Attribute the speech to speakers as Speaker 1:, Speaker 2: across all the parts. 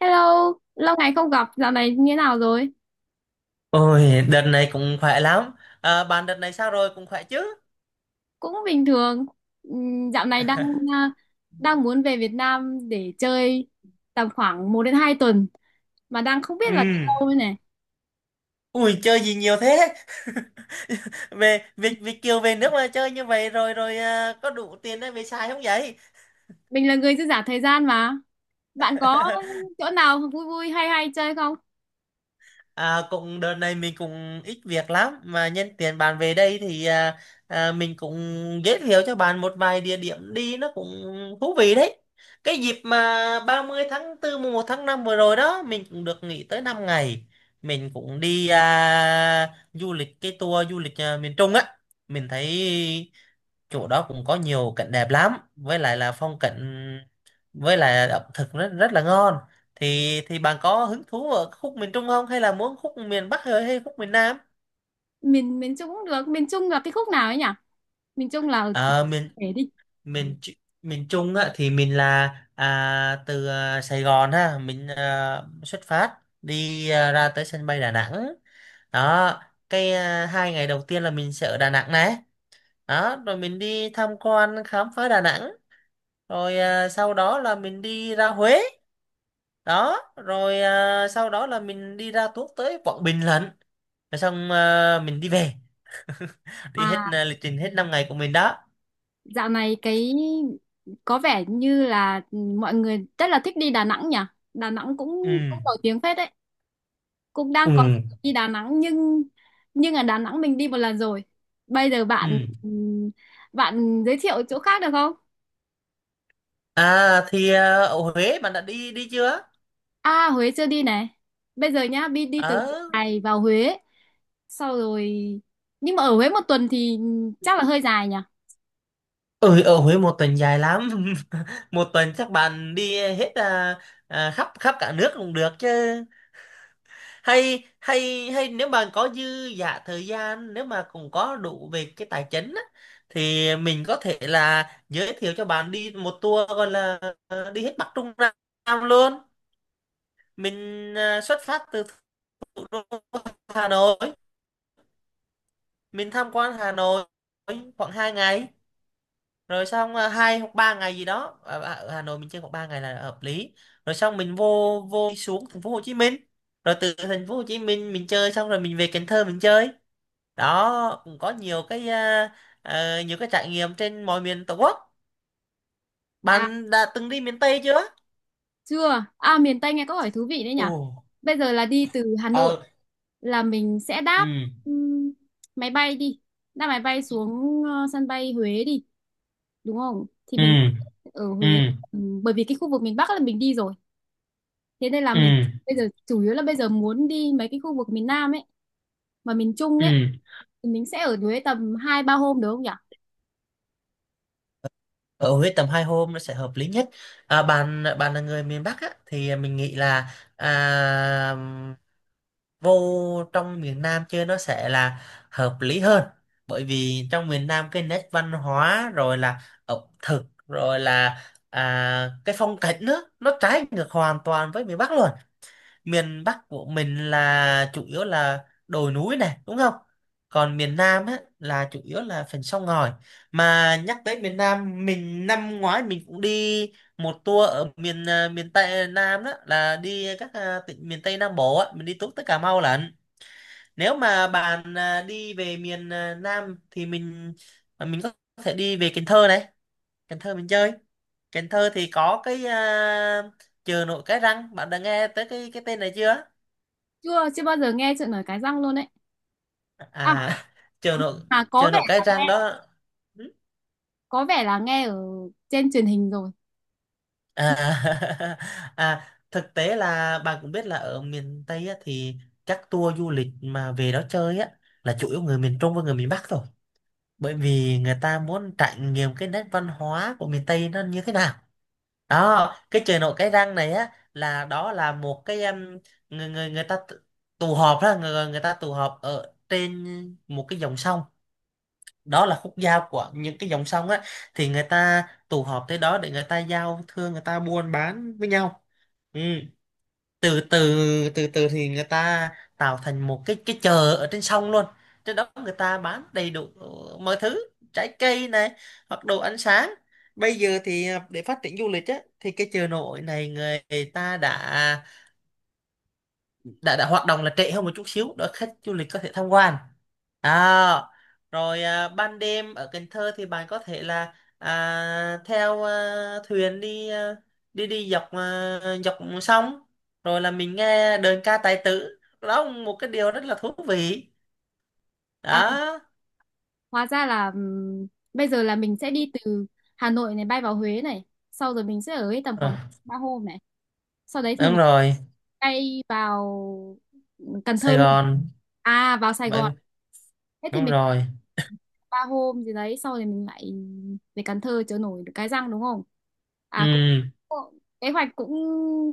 Speaker 1: Hello, lâu ngày không gặp, dạo này như thế nào rồi?
Speaker 2: Ôi, đợt này cũng khỏe lắm. À, bạn đợt này sao rồi, cũng khỏe chứ?
Speaker 1: Cũng bình thường. Dạo này đang à, đang muốn về Việt Nam để chơi tầm khoảng 1 đến 2 tuần mà đang không biết
Speaker 2: Ừ.
Speaker 1: là đi đâu đây này.
Speaker 2: Ui, chơi gì nhiều thế? Về Việt Việt Kiều về nước mà chơi như vậy rồi rồi à, có đủ tiền để về xài không vậy?
Speaker 1: Mình là người dư giả thời gian mà. Bạn có chỗ nào vui vui hay hay chơi không?
Speaker 2: À, cũng đợt này mình cũng ít việc lắm mà nhân tiện bạn về đây thì mình cũng giới thiệu cho bạn một vài địa điểm đi nó cũng thú vị đấy. Cái dịp mà 30 tháng 4 mùng 1 tháng 5 vừa rồi đó mình cũng được nghỉ tới 5 ngày. Mình cũng đi du lịch cái tour du lịch miền Trung á. Mình thấy chỗ đó cũng có nhiều cảnh đẹp lắm, với lại là phong cảnh, với lại ẩm thực rất rất là ngon, thì bạn có hứng thú ở khúc miền Trung không, hay là muốn khúc miền Bắc hay hay khúc miền Nam?
Speaker 1: Miền miền Trung cũng được, miền Trung là cái khúc nào ấy nhỉ? Miền Trung là
Speaker 2: Ờ, miền
Speaker 1: để đi.
Speaker 2: miền Tr- miền Trung á, thì mình là từ Sài Gòn, ha, mình xuất phát đi ra tới sân bay Đà Nẵng đó. Cái 2 ngày đầu tiên là mình sẽ ở Đà Nẵng này, đó rồi mình đi tham quan khám phá Đà Nẵng, rồi sau đó là mình đi ra Huế, đó rồi sau đó là mình đi ra tuốt tới Quảng Bình lận, rồi xong mình đi về, đi hết
Speaker 1: À,
Speaker 2: lịch trình hết 5 ngày của mình đó.
Speaker 1: dạo này cái có vẻ như là mọi người rất là thích đi Đà Nẵng nhỉ? Đà Nổi
Speaker 2: Ừ.
Speaker 1: cũng cũng Nổi tiếng phết đấy. Cũng đang có dự
Speaker 2: Ừ.
Speaker 1: định đi Đà Nẵng nhưng ở Đà Nẵng mình đi 1 lần rồi. Bây giờ bạn
Speaker 2: Ừ.
Speaker 1: bạn giới thiệu chỗ khác được không?
Speaker 2: À thì ở Huế bạn đã đi đi chưa?
Speaker 1: À, Huế chưa đi này. Bây giờ nhá, đi đi từ
Speaker 2: ở
Speaker 1: này vào Huế sau rồi, nhưng mà ở Huế một tuần thì chắc là hơi dài nhỉ.
Speaker 2: ừ, ở Huế một tuần dài lắm. Một tuần chắc bạn đi hết khắp khắp cả nước cũng được chứ. Hay hay hay nếu mà có dư giả thời gian, nếu mà cũng có đủ về cái tài chính á, thì mình có thể là giới thiệu cho bạn đi một tour gọi là đi hết Bắc Trung Nam luôn. Mình xuất phát từ thủ đô Hà Nội, mình tham quan Hà Nội khoảng 2 ngày, rồi xong 2 hoặc 3 ngày gì đó ở ở Hà Nội mình chơi khoảng 3 ngày là hợp lý, rồi xong mình vô vô xuống thành phố Hồ Chí Minh, rồi từ thành phố Hồ Chí Minh mình chơi xong rồi mình về Cần Thơ mình chơi. Đó cũng có nhiều cái nhiều cái trải nghiệm trên mọi miền Tổ quốc.
Speaker 1: À,
Speaker 2: Bạn đã từng đi miền Tây chưa?
Speaker 1: chưa. À, miền Tây nghe có hỏi thú vị đấy nhỉ.
Speaker 2: Ồ.
Speaker 1: Bây giờ là đi từ Hà Nội
Speaker 2: Ờ.
Speaker 1: là mình sẽ đáp
Speaker 2: Ừ.
Speaker 1: ừm, máy bay đi. Đáp máy bay xuống sân bay Huế đi, đúng không? Thì
Speaker 2: Ừ.
Speaker 1: mình ở
Speaker 2: Ừ.
Speaker 1: Huế, bởi vì cái khu vực miền Bắc là mình đi rồi. Thế nên là
Speaker 2: Ừ.
Speaker 1: mình bây giờ chủ yếu là bây giờ muốn đi mấy cái khu vực miền Nam ấy và miền Trung ấy,
Speaker 2: Ừ.
Speaker 1: thì mình sẽ ở Huế tầm 2 3 hôm được không nhỉ?
Speaker 2: Ở Huế tầm 2 hôm nó sẽ hợp lý nhất. Bạn bạn là người miền Bắc á, thì mình nghĩ là vô trong miền Nam chơi nó sẽ là hợp lý hơn. Bởi vì trong miền Nam cái nét văn hóa rồi là ẩm thực rồi là cái phong cảnh nữa, nó trái ngược hoàn toàn với miền Bắc luôn. Miền Bắc của mình là chủ yếu là đồi núi này, đúng không? Còn miền Nam á, là chủ yếu là phần sông ngòi. Mà nhắc tới miền Nam, mình năm ngoái mình cũng đi một tour ở miền Tây Nam, đó là đi các tỉnh miền Tây Nam Bộ á, mình đi tuốt tới Cà Mau lận. Nếu mà bạn đi về miền Nam thì mình có thể đi về Cần Thơ này. Cần Thơ mình chơi. Cần Thơ thì có cái chợ nổi Cái Răng, bạn đã nghe tới cái tên này chưa?
Speaker 1: Chưa chưa bao giờ nghe chuyện ở Cái Răng luôn đấy. À,
Speaker 2: À, trường nội
Speaker 1: mà có
Speaker 2: trường
Speaker 1: vẻ,
Speaker 2: nội cái trang đó.
Speaker 1: có vẻ là nghe ở trên truyền hình rồi.
Speaker 2: à, À thực tế là bạn cũng biết là ở miền Tây á, thì các tour du lịch mà về đó chơi á là chủ yếu người miền Trung và người miền Bắc thôi. Bởi vì người ta muốn trải nghiệm cái nét văn hóa của miền Tây nó như thế nào. Đó, cái chợ nổi Cái Răng này á, là đó là một cái người người người ta tụ tụ họp đó, người người ta tụ họp ở trên một cái dòng sông, đó là khúc giao của những cái dòng sông á, thì người ta tụ họp tới đó để người ta giao thương, người ta buôn bán với nhau. Ừ. từ từ từ từ thì người ta tạo thành một cái chợ ở trên sông luôn. Trên đó người ta bán đầy đủ mọi thứ, trái cây này, hoặc đồ ăn sáng. Bây giờ thì để phát triển du lịch á, thì cái chợ nổi này người ta đã hoạt động là trễ hơn một chút xíu để khách du lịch có thể tham quan. À, rồi ban đêm ở Cần Thơ thì bạn có thể là theo thuyền đi đi đi dọc dọc sông, rồi là mình nghe đờn ca tài tử, đó cũng một cái điều rất là thú vị
Speaker 1: À,
Speaker 2: đó.
Speaker 1: hóa ra là bây giờ là mình sẽ đi từ Hà Nội này, bay vào Huế này, sau rồi mình sẽ ở ấy tầm
Speaker 2: Ờ,
Speaker 1: khoảng 3 hôm này, sau đấy thì
Speaker 2: đúng
Speaker 1: mình
Speaker 2: rồi.
Speaker 1: bay vào Cần
Speaker 2: Sài
Speaker 1: Thơ luôn.
Speaker 2: Gòn
Speaker 1: À, vào Sài
Speaker 2: vậy.
Speaker 1: Gòn. Thế thì
Speaker 2: Đúng
Speaker 1: mình
Speaker 2: rồi.
Speaker 1: 3 hôm gì đấy sau thì mình lại về Cần Thơ chợ nổi được cái răng đúng không? À, cũng
Speaker 2: Ừ.
Speaker 1: cũng- kế hoạch cũng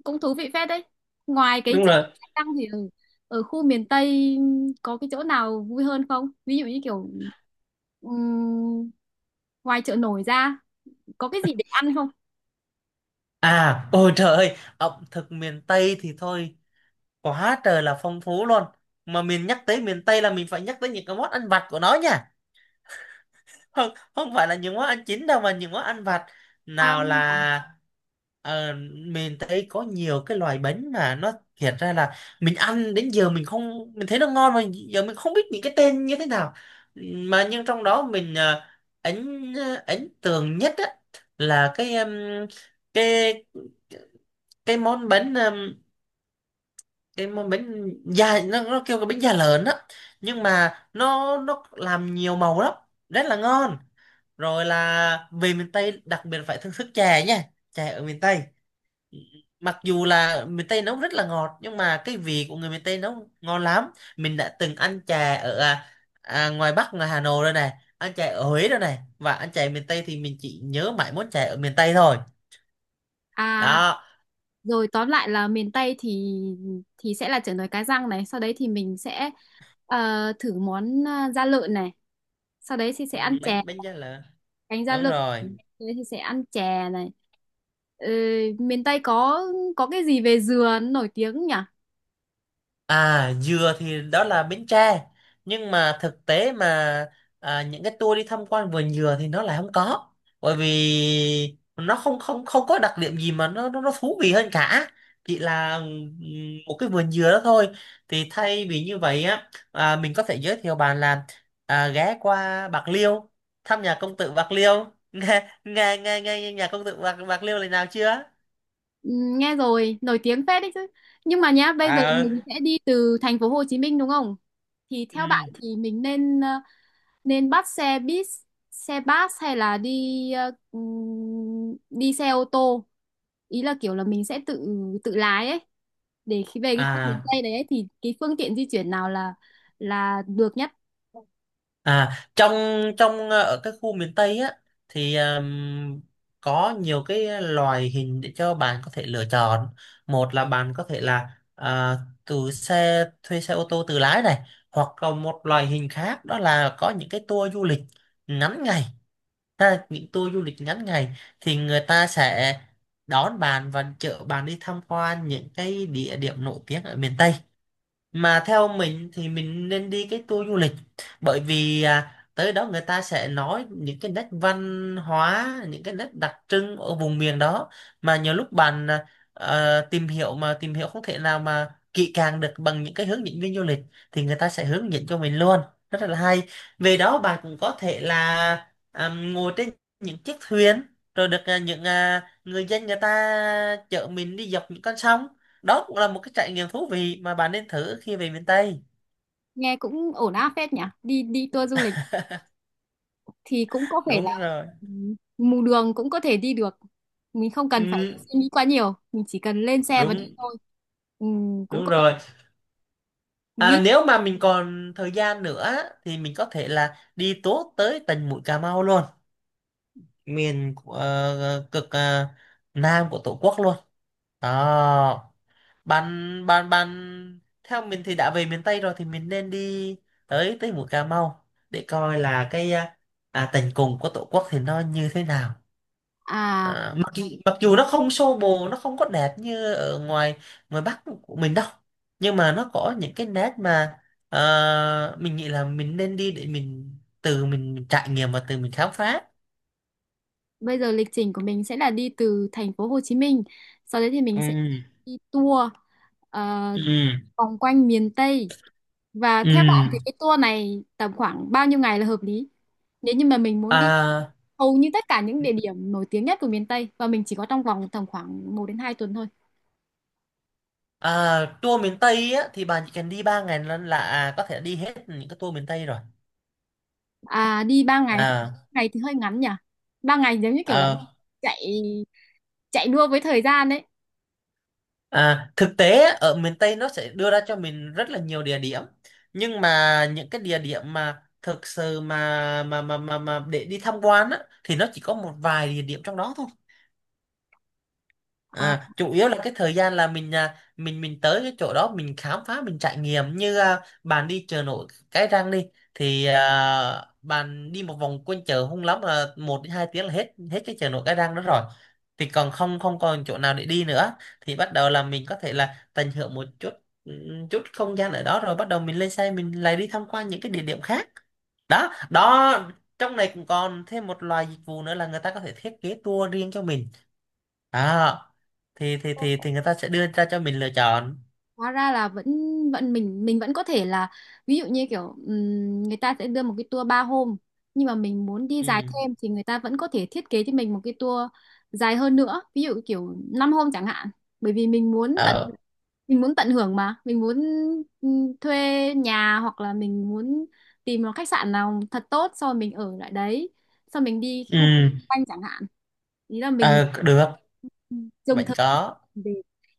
Speaker 1: cũng thú vị phết đấy. Ngoài cái
Speaker 2: Đúng
Speaker 1: chợ
Speaker 2: rồi.
Speaker 1: cái răng thì ở, ở khu miền Tây có cái chỗ nào vui hơn không, ví dụ như kiểu ừm, ngoài chợ nổi ra có cái gì để ăn không?
Speaker 2: Ôi trời ơi, ẩm thực miền Tây thì thôi, quá trời là phong phú luôn. Mà mình nhắc tới miền Tây là mình phải nhắc tới những cái món ăn vặt của nó nha. Không không phải là những món ăn chính đâu, mà những món ăn vặt.
Speaker 1: À.
Speaker 2: Nào là ờ, mình thấy có nhiều cái loại bánh mà nó hiện ra là, mình ăn đến giờ mình không, mình thấy nó ngon mà giờ mình không biết những cái tên như thế nào. Mà nhưng trong đó mình ấn ấn tượng nhất á, là cái cái món bánh um, cái món bánh da, nó kêu cái bánh da lợn á, nhưng mà nó làm nhiều màu lắm, rất là ngon. Rồi là về miền Tây đặc biệt phải thưởng thức chè nha. Chè ở miền Tây, mặc dù là miền Tây nấu rất là ngọt nhưng mà cái vị của người miền Tây nấu ngon lắm. Mình đã từng ăn chè ở ngoài Bắc, ngoài Hà Nội rồi này, ăn chè ở Huế rồi này, và ăn chè miền Tây, thì mình chỉ nhớ mãi món chè ở miền Tây thôi
Speaker 1: À,
Speaker 2: đó.
Speaker 1: rồi tóm lại là miền Tây thì sẽ là chả nồi cá răng này, sau đấy thì mình sẽ thử món da lợn này, sau đấy thì sẽ
Speaker 2: Ừ,
Speaker 1: ăn Ừ. chè,
Speaker 2: bánh bánh giá lợn.
Speaker 1: cánh da
Speaker 2: Đúng
Speaker 1: lợn,
Speaker 2: rồi.
Speaker 1: sau đấy thì sẽ ăn chè này. Ờ, miền Tây có cái gì về dừa nổi tiếng nhỉ?
Speaker 2: À, dừa thì đó là Bến Tre. Nhưng mà thực tế mà những cái tour đi tham quan vườn dừa thì nó lại không có. Bởi vì nó không không không có đặc điểm gì mà nó thú vị hơn cả. Chỉ là một cái vườn dừa đó thôi. Thì thay vì như vậy á, mình có thể giới thiệu bạn là ghé qua Bạc Liêu, thăm nhà công tử Bạc Liêu. Nghe nghe nghe nghe nhà công tử Bạc Bạc Liêu lần nào chưa?
Speaker 1: Ừ, nghe rồi, nổi tiếng phết đấy chứ. Nhưng mà nhá, bây giờ
Speaker 2: À,
Speaker 1: mình sẽ đi từ thành phố Hồ Chí Minh đúng không? Thì theo bạn
Speaker 2: ừ.
Speaker 1: thì mình nên nên bắt xe buýt, xe bus hay là đi đi xe ô tô, ý là kiểu là mình sẽ tự tự lái ấy, để khi về cái khu miền
Speaker 2: À
Speaker 1: Tây đấy ấy, thì cái phương tiện di chuyển nào là được nhất?
Speaker 2: À, trong trong ờ, ở các khu miền Tây á thì có nhiều cái loài hình để cho bạn có thể lựa chọn. Một là bạn có thể là à, từ xe thuê xe ô tô tự lái này, hoặc là một loại hình khác, đó là có những cái tour du lịch ngắn ngày. Ha, những tour du lịch ngắn ngày thì người ta sẽ đón bạn và chở bạn đi tham quan những cái địa điểm nổi tiếng ở miền Tây, mà theo mình thì mình nên đi cái tour du lịch. Bởi vì tới đó người ta sẽ nói những cái nét văn hóa, những cái nét đặc trưng ở vùng miền đó, mà nhiều lúc bạn tìm hiểu mà tìm hiểu không thể nào mà kỹ càng được bằng những cái hướng dẫn viên du lịch, thì người ta sẽ hướng dẫn cho mình luôn, rất là hay. Về đó bạn cũng có thể là ngồi trên những chiếc thuyền, rồi được những người dân người ta chở mình đi dọc những con sông, đó cũng là một cái trải nghiệm thú vị mà bạn nên thử khi về miền Tây.
Speaker 1: Nghe cũng ổn áp phết nhỉ, đi đi tour du lịch thì cũng có thể là
Speaker 2: Đúng rồi.
Speaker 1: mù đường cũng có thể đi được, mình không cần phải
Speaker 2: Ừ,
Speaker 1: suy nghĩ quá nhiều, mình chỉ cần lên xe và đi
Speaker 2: đúng
Speaker 1: thôi. Cũng
Speaker 2: đúng
Speaker 1: có vẻ
Speaker 2: rồi.
Speaker 1: ví
Speaker 2: Nếu mà mình còn thời gian nữa á, thì mình có thể là đi tốt tới tận mũi Cà Mau luôn. Cực nam của Tổ quốc luôn đó. Bạn bạn bạn theo mình thì đã về miền Tây rồi thì mình nên đi tới tới mũi Cà Mau để coi là cái tận cùng của Tổ quốc thì nó như thế nào.
Speaker 1: à.
Speaker 2: À, mặc dù nó không xô bồ, nó không có đẹp như ở ngoài ngoài Bắc của mình đâu, nhưng mà nó có những cái nét mà mình nghĩ là mình nên đi để mình, từ mình trải nghiệm và từ mình khám phá.
Speaker 1: Bây giờ lịch trình của mình sẽ là đi từ thành phố Hồ Chí Minh, sau đấy thì mình sẽ
Speaker 2: Ừ.
Speaker 1: đi tour ờ,
Speaker 2: Ừ.
Speaker 1: vòng quanh miền Tây. Và
Speaker 2: Ừ.
Speaker 1: theo bạn thì cái tour này tầm khoảng bao nhiêu ngày là hợp lý? Nếu như mà mình muốn đi
Speaker 2: à,
Speaker 1: hầu như tất cả những địa điểm nổi tiếng nhất của miền Tây và mình chỉ có trong vòng tầm khoảng một đến hai tuần thôi.
Speaker 2: Tour miền Tây á thì bạn chỉ cần đi 3 ngày là, có thể đi hết những cái tour miền Tây rồi.
Speaker 1: À, đi 3 ngày thôi.
Speaker 2: à,
Speaker 1: Ngày thì hơi ngắn nhỉ. 3 ngày giống như kiểu là
Speaker 2: à
Speaker 1: chạy chạy đua với thời gian đấy.
Speaker 2: Thực tế á, ở miền Tây nó sẽ đưa ra cho mình rất là nhiều địa điểm, nhưng mà những cái địa điểm mà thực sự mà để đi tham quan á, thì nó chỉ có một vài địa điểm trong đó thôi.
Speaker 1: À,
Speaker 2: À, chủ yếu là cái thời gian là mình à, mình mình tới cái chỗ đó mình khám phá mình trải nghiệm, như bạn đi chợ nổi Cái Răng đi, thì bạn đi một vòng quanh chợ hung lắm là 1 đến 2 tiếng là hết hết cái chợ nổi Cái Răng đó rồi, thì còn không không còn chỗ nào để đi nữa, thì bắt đầu là mình có thể là tận hưởng một chút. Ừ, chút không gian ở đó rồi bắt đầu mình lên xe mình lại đi tham quan những cái địa điểm khác. Đó đó, trong này cũng còn thêm một loại dịch vụ nữa là người ta có thể thiết kế tour riêng cho mình. Đó, thì người ta sẽ đưa ra cho mình lựa chọn.
Speaker 1: hóa ra là vẫn vẫn mình vẫn có thể là, ví dụ như kiểu người ta sẽ đưa một cái tour 3 hôm, nhưng mà mình muốn đi dài
Speaker 2: Ừ.
Speaker 1: thêm thì người ta vẫn có thể thiết kế cho mình một cái tour dài hơn nữa, ví dụ kiểu 5 hôm chẳng hạn, bởi vì mình muốn tận,
Speaker 2: Ờ.
Speaker 1: mình muốn tận hưởng, mà mình muốn thuê nhà hoặc là mình muốn tìm một khách sạn nào thật tốt sau rồi mình ở lại đấy, sau mình đi cái
Speaker 2: Ừ.
Speaker 1: khu vực quanh chẳng hạn, ý là mình
Speaker 2: Ờ, được.
Speaker 1: dùng
Speaker 2: Vẫn
Speaker 1: thời gian
Speaker 2: có.
Speaker 1: để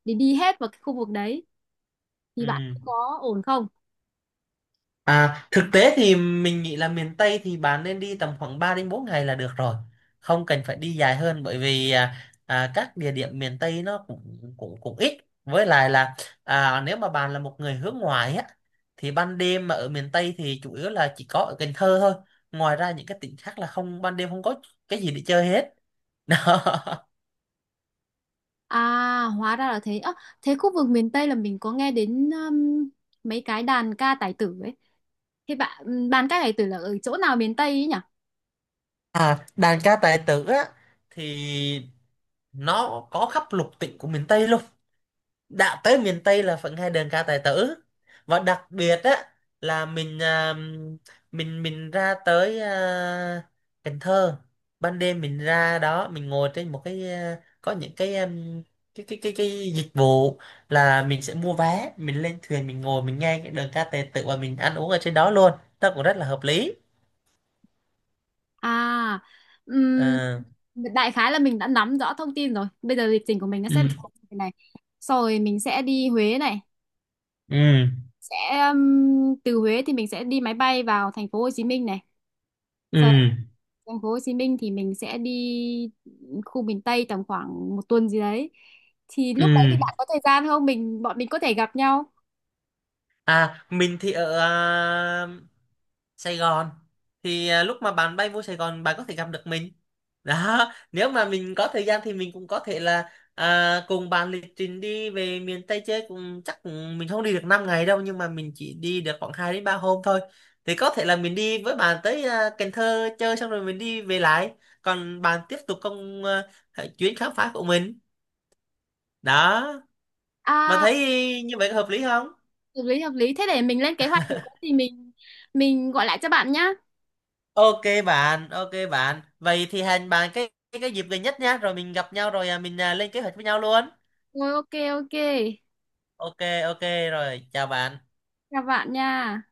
Speaker 1: để đi hết vào cái khu vực đấy, thì bạn
Speaker 2: Ừ.
Speaker 1: có ổn không?
Speaker 2: À, thực tế thì mình nghĩ là miền Tây thì bạn nên đi tầm khoảng 3 đến 4 ngày là được rồi. Không cần phải đi dài hơn, bởi vì các địa điểm miền Tây nó cũng cũng cũng ít. Với lại là nếu mà bạn là một người hướng ngoại á, thì ban đêm mà ở miền Tây thì chủ yếu là chỉ có ở Cần Thơ thôi. Ngoài ra những cái tỉnh khác là không, ban đêm không có cái gì để chơi hết. Đó.
Speaker 1: À, hóa ra là thế. Ơ, thế khu vực miền Tây là mình có nghe đến mấy cái đàn ca tài tử ấy. Thế bạn đàn ca tài tử là ở chỗ nào miền Tây ấy nhỉ?
Speaker 2: À, đàn ca tài tử á, thì nó có khắp lục tỉnh của miền Tây luôn. Đã tới miền Tây là vẫn hay đờn ca tài tử, và đặc biệt á là mình ra tới Cần Thơ, ban đêm mình ra đó mình ngồi trên một cái, có những cái, cái dịch vụ là mình sẽ mua vé mình lên thuyền mình ngồi mình nghe cái đờn ca tài tử và mình ăn uống ở trên đó luôn, nó cũng rất là hợp lý.
Speaker 1: À, ừm,
Speaker 2: À.
Speaker 1: đại khái là mình đã nắm rõ thông tin rồi. Bây giờ lịch trình của mình nó sẽ
Speaker 2: Ừ.
Speaker 1: về thế này. Sau rồi mình sẽ đi Huế này.
Speaker 2: Ừ.
Speaker 1: Sẽ um, từ Huế thì mình sẽ đi máy bay vào thành phố Hồ Chí Minh này.
Speaker 2: Ừ.
Speaker 1: Sau thành phố Hồ Chí Minh thì mình sẽ đi khu miền Tây tầm khoảng 1 tuần gì đấy, thì
Speaker 2: Ừ.
Speaker 1: lúc đấy thì bạn có thời gian không, mình bọn mình có thể gặp nhau.
Speaker 2: À, mình thì ở Sài Gòn, thì lúc mà bạn bay vô Sài Gòn bạn có thể gặp được mình. Đó, nếu mà mình có thời gian thì mình cũng có thể là cùng bạn lịch trình đi về miền Tây chơi cũng chắc cũng- mình không đi được 5 ngày đâu, nhưng mà mình chỉ đi được khoảng 2 đến 3 hôm thôi, thì có thể là mình đi với bạn tới Cần Thơ chơi xong rồi mình đi về lại, còn bạn tiếp tục công- chuyến khám phá của mình. Đó, bạn
Speaker 1: À,
Speaker 2: thấy như vậy có hợp lý không?
Speaker 1: hợp lý hợp lý, thế để mình lên kế hoạch rồi có gì mình gọi lại cho bạn nhá.
Speaker 2: Ok bạn, ok bạn. Vậy thì hẹn bạn cái dịp gần nhất nhá, rồi mình gặp nhau rồi mình, lên kế hoạch với nhau luôn.
Speaker 1: Rồi ok. Ok,
Speaker 2: Ok. Ok. Rồi, chào bạn.
Speaker 1: chào bạn nha.